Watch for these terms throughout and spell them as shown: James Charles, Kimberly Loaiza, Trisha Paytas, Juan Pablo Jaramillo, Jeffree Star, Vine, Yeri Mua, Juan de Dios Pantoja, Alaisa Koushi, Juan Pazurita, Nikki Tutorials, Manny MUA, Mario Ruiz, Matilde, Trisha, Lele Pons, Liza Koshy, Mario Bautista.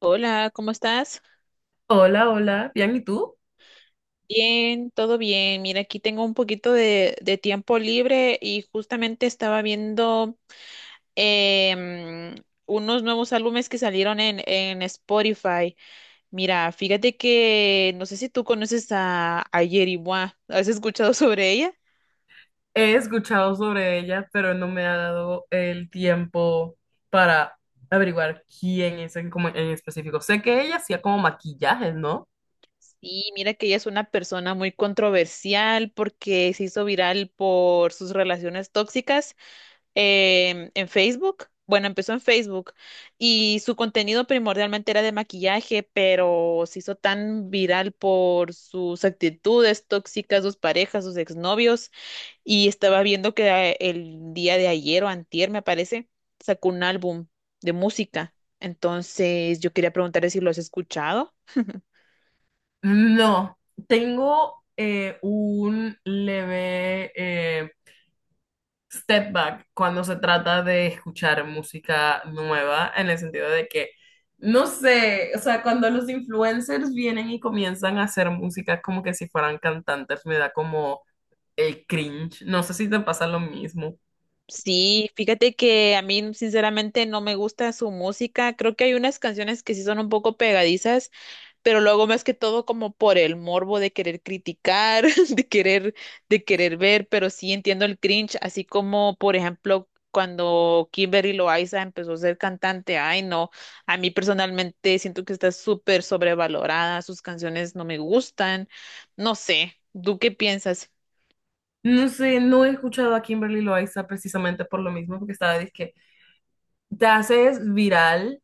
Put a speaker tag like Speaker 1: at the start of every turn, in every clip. Speaker 1: Hola, ¿cómo estás?
Speaker 2: Hola, hola, bien, ¿y tú?
Speaker 1: Bien, todo bien. Mira, aquí tengo un poquito de tiempo libre y justamente estaba viendo em, unos nuevos álbumes que salieron en Spotify. Mira, fíjate que no sé si tú conoces a Yeri Mua. ¿Has escuchado sobre ella?
Speaker 2: He escuchado sobre ella, pero no me ha dado el tiempo para averiguar quién es como en específico. Sé que ella hacía como maquillajes, ¿no?
Speaker 1: Sí, mira que ella es una persona muy controversial porque se hizo viral por sus relaciones tóxicas en Facebook. Bueno, empezó en Facebook y su contenido primordialmente era de maquillaje, pero se hizo tan viral por sus actitudes tóxicas, sus parejas, sus exnovios. Y estaba viendo que el día de ayer o antier, me parece, sacó un álbum de música. Entonces, yo quería preguntarle si lo has escuchado.
Speaker 2: No, tengo un leve step back cuando se trata de escuchar música nueva, en el sentido de que, no sé, o sea, cuando los influencers vienen y comienzan a hacer música como que si fueran cantantes, me da como el cringe. No sé si te pasa lo mismo.
Speaker 1: Sí, fíjate que a mí sinceramente no me gusta su música. Creo que hay unas canciones que sí son un poco pegadizas, pero lo hago más que todo como por el morbo de querer criticar, de querer, de querer ver, pero sí entiendo el cringe, así como por ejemplo cuando Kimberly Loaiza empezó a ser cantante. Ay, no, a mí personalmente siento que está súper sobrevalorada, sus canciones no me gustan, no sé, ¿tú qué piensas?
Speaker 2: No sé, no he escuchado a Kimberly Loaiza precisamente por lo mismo, porque estaba que te haces viral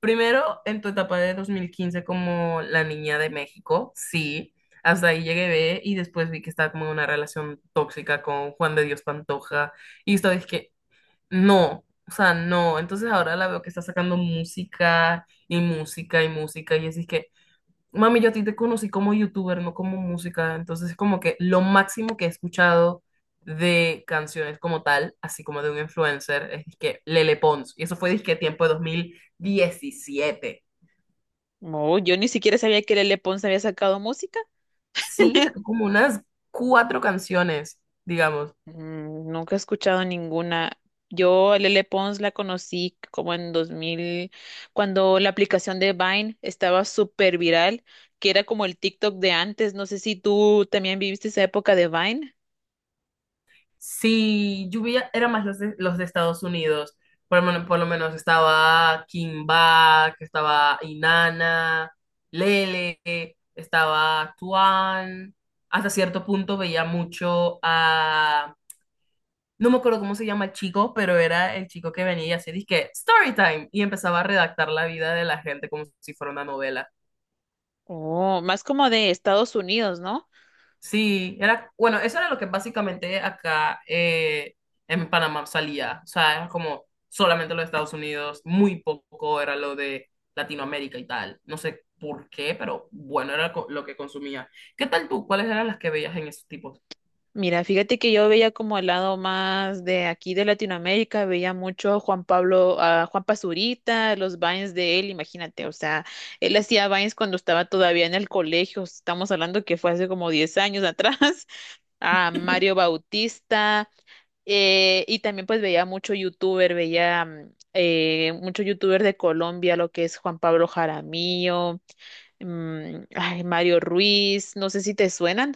Speaker 2: primero en tu etapa de 2015 como la niña de México, sí. Hasta ahí llegué ve, y después vi que estaba como en una relación tóxica con Juan de Dios Pantoja y estaba que no, o sea, no. Entonces ahora la veo que está sacando música y música y música y así es que mami, yo a ti te conocí como youtuber, no como música, entonces es como que lo máximo que he escuchado de canciones como tal, así como de un influencer, es que Lele Pons, y eso fue disque tiempo de 2017.
Speaker 1: No, yo ni siquiera sabía que Lele Pons había sacado música.
Speaker 2: Sí, sacó como unas cuatro canciones, digamos.
Speaker 1: Mm, nunca he escuchado ninguna. Yo a Lele Pons la conocí como en dos mil, cuando la aplicación de Vine estaba súper viral, que era como el TikTok de antes. No sé si tú también viviste esa época de Vine.
Speaker 2: Sí, lluvia era más los de Estados Unidos. Por lo menos estaba Kimba, que estaba Inanna, Lele, estaba Tuan. Hasta cierto punto veía mucho a... No me acuerdo cómo se llama el chico, pero era el chico que venía y hacía disque story time y empezaba a redactar la vida de la gente como si fuera una novela.
Speaker 1: Oh, más como de Estados Unidos, ¿no?
Speaker 2: Sí, era, bueno, eso era lo que básicamente acá en Panamá salía. O sea, era como solamente los Estados Unidos, muy poco era lo de Latinoamérica y tal. No sé por qué, pero bueno, era lo que consumía. ¿Qué tal tú? ¿Cuáles eran las que veías en esos tipos?
Speaker 1: Mira, fíjate que yo veía como el lado más de aquí de Latinoamérica, veía mucho Juan Pablo, a Juan Pazurita, los Vines de él, imagínate, o sea, él hacía Vines cuando estaba todavía en el colegio, estamos hablando que fue hace como 10 años atrás, a Mario Bautista, y también pues veía mucho youtuber, veía mucho youtuber de Colombia, lo que es Juan Pablo Jaramillo, ay, Mario Ruiz, no sé si te suenan.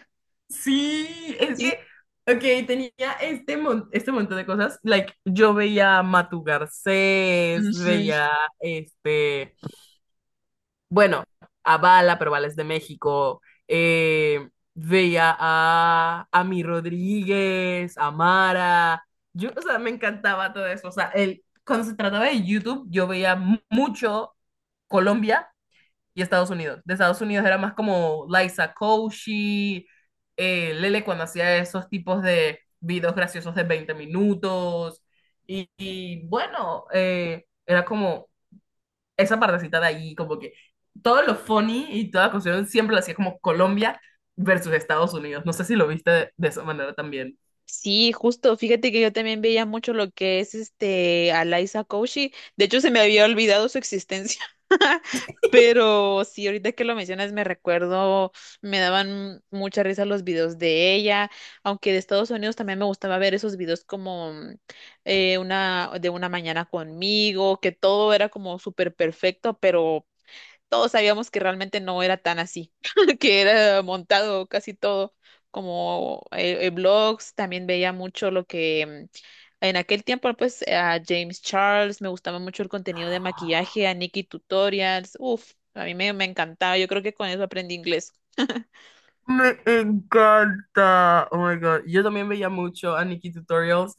Speaker 2: Sí, es
Speaker 1: Sí,
Speaker 2: que, ok, tenía este montón de cosas. Like, yo veía a Matu Garcés, veía este. Bueno, a Bala, pero Bala es de México. eh, veía a, Mi Rodríguez, a Mara. Yo, o sea, me encantaba todo eso. O sea, el, cuando se trataba de YouTube, yo veía mucho Colombia y Estados Unidos. De Estados Unidos era más como Liza Koshy, Lele cuando hacía esos tipos de videos graciosos de 20 minutos. Y bueno, era como esa partecita de ahí, como que todo lo funny y toda la cuestión siempre lo hacía como Colombia versus Estados Unidos. No sé si lo viste de esa manera también.
Speaker 1: sí, justo, fíjate que yo también veía mucho lo que es este Alaisa Koushi. De hecho, se me había olvidado su existencia. Pero sí, ahorita que lo mencionas, me recuerdo, me daban mucha risa los videos de ella, aunque de Estados Unidos también me gustaba ver esos videos como una de una mañana conmigo, que todo era como súper perfecto, pero todos sabíamos que realmente no era tan así, que era montado casi todo, como blogs, también veía mucho lo que en aquel tiempo, pues a James Charles, me gustaba mucho el contenido de maquillaje, a Nikki Tutorials, uff, a me encantaba, yo creo que con eso aprendí inglés.
Speaker 2: Me encanta. Oh my God. Yo también veía mucho a Nikki Tutorials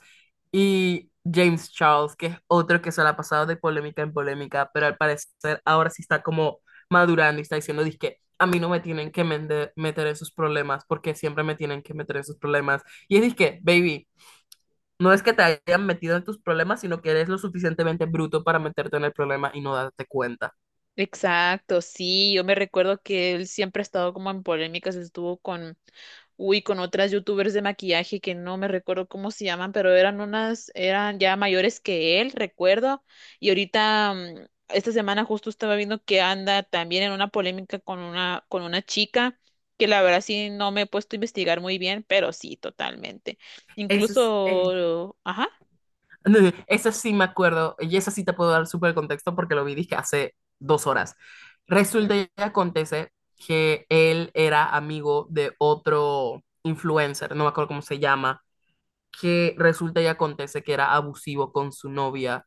Speaker 2: y James Charles, que es otro que se la ha pasado de polémica en polémica, pero al parecer ahora sí está como madurando y está diciendo, que a mí no me tienen que meter en sus problemas porque siempre me tienen que meter en sus problemas. Y es que, baby, no es que te hayan metido en tus problemas, sino que eres lo suficientemente bruto para meterte en el problema y no darte cuenta.
Speaker 1: Exacto, sí, yo me recuerdo que él siempre ha estado como en polémicas, estuvo con uy, con otras youtubers de maquillaje que no me recuerdo cómo se llaman, pero eran unas, eran ya mayores que él, recuerdo. Y ahorita, esta semana justo estaba viendo que anda también en una polémica con una chica, que la verdad sí no me he puesto a investigar muy bien, pero sí, totalmente.
Speaker 2: Eso es,
Speaker 1: Incluso, ajá.
Speaker 2: eso sí me acuerdo, y eso sí te puedo dar súper contexto porque lo vi, dije, hace 2 horas.
Speaker 1: ¿Mm?
Speaker 2: Resulta y acontece que él era amigo de otro influencer, no me acuerdo cómo se llama, que resulta y acontece que era abusivo con su novia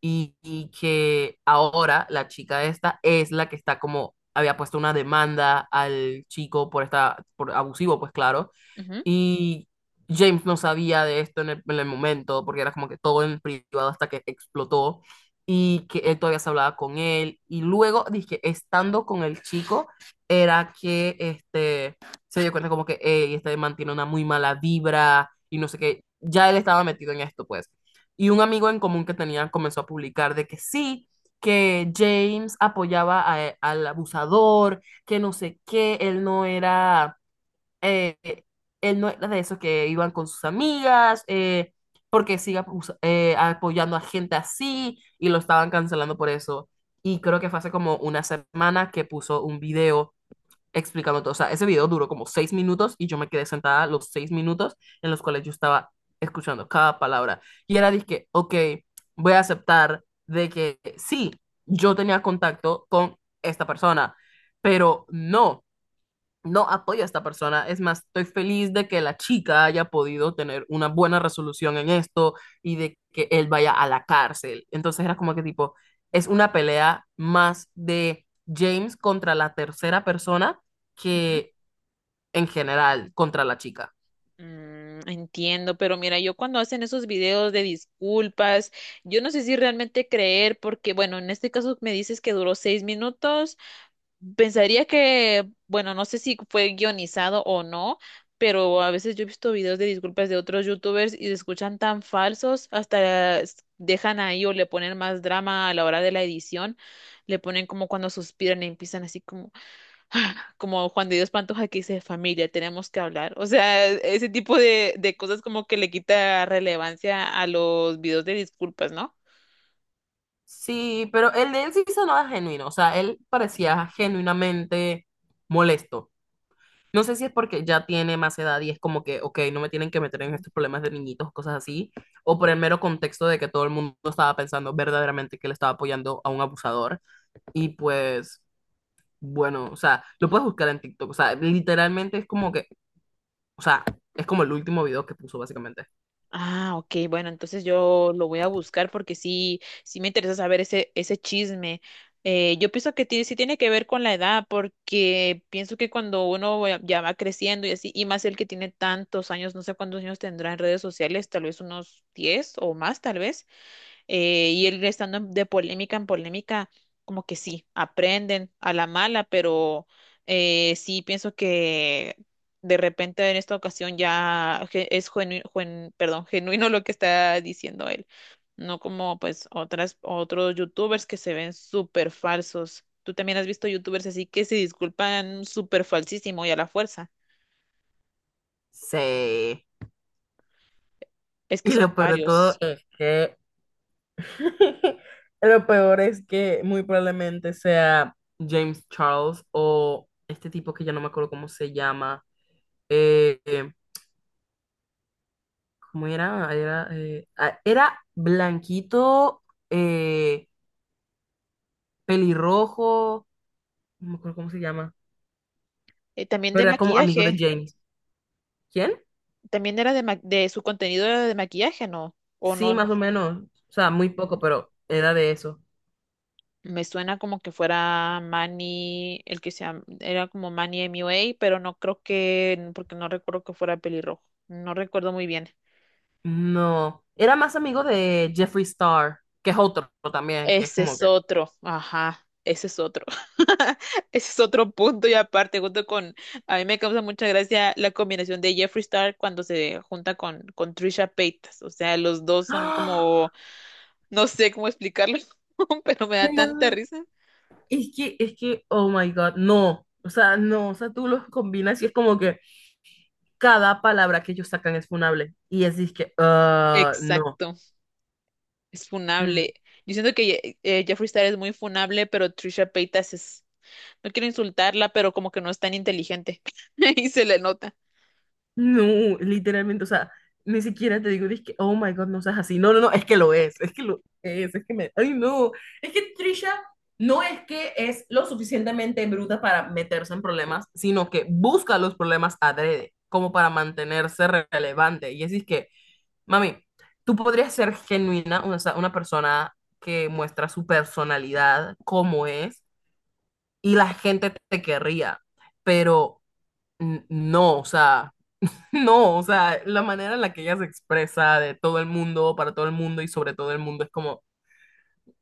Speaker 2: y que ahora la chica esta es la que está como, había puesto una demanda al chico por abusivo, pues claro,
Speaker 1: Ujú,
Speaker 2: y James no sabía de esto en el momento, porque era como que todo en privado hasta que explotó y que él todavía se hablaba con él. Y luego, dije, estando con el chico, era que este, se dio cuenta como que "Ey, este mantiene una muy mala vibra y no sé qué". Ya él estaba metido en esto, pues. Y un amigo en común que tenían comenzó a publicar de que sí, que James apoyaba al abusador, que no sé qué, él no era eh, de esos que iban con sus amigas, porque siga apoyando a gente así y lo estaban cancelando por eso. Y creo que fue hace como una semana que puso un video explicando todo. O sea, ese video duró como 6 minutos y yo me quedé sentada los 6 minutos en los cuales yo estaba escuchando cada palabra. Y era dije, ok, voy a aceptar de que sí, yo tenía contacto con esta persona, pero no. No apoyo a esta persona. Es más, estoy feliz de que la chica haya podido tener una buena resolución en esto y de que él vaya a la cárcel. Entonces era como que tipo, es una pelea más de James contra la tercera persona
Speaker 1: ujú.
Speaker 2: que en general contra la chica.
Speaker 1: Mm, entiendo, pero mira, yo cuando hacen esos videos de disculpas, yo no sé si realmente creer, porque bueno, en este caso me dices que duró 6 minutos, pensaría que, bueno, no sé si fue guionizado o no, pero a veces yo he visto videos de disculpas de otros youtubers y se escuchan tan falsos, hasta s- dejan ahí o le ponen más drama a la hora de la edición, le ponen como cuando suspiran y empiezan así como... como Juan de Dios Pantoja que dice familia, tenemos que hablar. O sea, ese tipo de cosas como que le quita relevancia a los videos de disculpas, ¿no?
Speaker 2: Sí, pero el de él sí sonaba genuino. O sea, él parecía genuinamente molesto. No sé si es porque ya tiene más edad y es como que, ok, no me tienen que meter en
Speaker 1: Ujú.
Speaker 2: estos problemas de niñitos, cosas así, o por el mero contexto de que todo el mundo estaba pensando verdaderamente que le estaba apoyando a un abusador. Y pues, bueno, o sea, lo puedes buscar en TikTok, o sea, literalmente es como que, o sea, es como el último video que puso básicamente.
Speaker 1: Ah, ok, bueno, entonces yo lo voy a buscar porque sí, sí me interesa saber ese, ese chisme. Yo pienso que tiene- sí tiene que ver con la edad, porque pienso que cuando uno ya va creciendo y así, y más el que tiene tantos años, no sé cuántos años tendrá en redes sociales, tal vez unos 10 o más, tal vez y él estando en- de polémica en polémica, como que sí, aprenden a la mala, pero sí pienso que de repente en esta ocasión ya ge- es genuino, perdón, genuino lo que está diciendo él, no como pues otras, otros youtubers que se ven súper falsos. Tú también has visto youtubers así que se disculpan súper falsísimo y a la fuerza.
Speaker 2: Sí.
Speaker 1: Es que
Speaker 2: Y
Speaker 1: son
Speaker 2: lo peor de todo
Speaker 1: varios.
Speaker 2: es que, lo peor es que muy probablemente sea James Charles o este tipo que ya no me acuerdo cómo se llama. Eh, eh, ¿Cómo era? Era blanquito, eh, pelirrojo, no me acuerdo cómo se llama,
Speaker 1: También de
Speaker 2: pero era como amigo de
Speaker 1: maquillaje,
Speaker 2: James. ¿Quién?
Speaker 1: también era de, ma- de su contenido era de maquillaje, ¿no? ¿O
Speaker 2: Sí,
Speaker 1: no?
Speaker 2: más o menos. O sea, muy poco,
Speaker 1: Ujú.
Speaker 2: pero era de eso.
Speaker 1: Me suena como que fuera Manny, el que sea, era como Manny MUA, pero no creo que, porque no recuerdo que fuera pelirrojo. No recuerdo muy bien.
Speaker 2: No, era más amigo de Jeffree Star, que es otro también, que es
Speaker 1: Ese
Speaker 2: como
Speaker 1: es
Speaker 2: que...
Speaker 1: otro, ajá, ese es otro. Ese es otro punto y aparte, junto con, a mí me causa mucha gracia la combinación de Jeffree Star cuando se junta con Trisha Paytas. O sea, los dos son
Speaker 2: ¡Ah!
Speaker 1: como, no sé cómo explicarlo, pero me da tanta
Speaker 2: No,
Speaker 1: risa.
Speaker 2: es que, oh my God, no. O sea, no, o sea, tú los combinas y es como que cada palabra que ellos sacan es funable. Y es que, ah, no.
Speaker 1: Exacto. Es funable.
Speaker 2: Mm,
Speaker 1: Yo siento que Jeffree Star es muy funable, pero Trisha Paytas es... No quiero insultarla, pero como que no es tan inteligente. Y se le nota.
Speaker 2: no, literalmente, o sea, ni siquiera te digo, que oh my God, no seas así. No, no, no, es que lo es que lo es que me. Ay, no. Es que Trisha no es que es lo suficientemente bruta para meterse en problemas, sino que busca los problemas adrede, como para mantenerse relevante. Y así es que, mami, tú podrías ser genuina, o sea, una persona que muestra su personalidad como es, y la gente te querría, pero. No, o sea. No, o sea, la manera en la que ella se expresa de todo el mundo, para todo el mundo y sobre todo el mundo es como,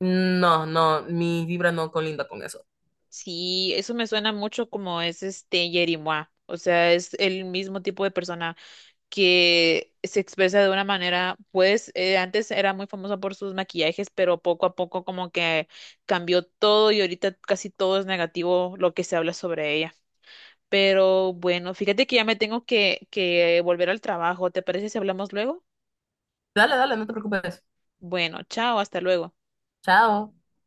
Speaker 2: no, no, mi vibra no colinda con eso.
Speaker 1: Sí, eso me suena mucho como es este Yeri Mua. O sea, es el mismo tipo de persona que se expresa de una manera, pues antes era muy famosa por sus maquillajes, pero poco a poco como que cambió todo y ahorita casi todo es negativo lo que se habla sobre ella. Pero bueno, fíjate que ya me tengo que volver al trabajo. ¿Te parece si hablamos luego?
Speaker 2: Dale, dale, no te preocupes.
Speaker 1: Bueno, chao, hasta luego.
Speaker 2: Chao.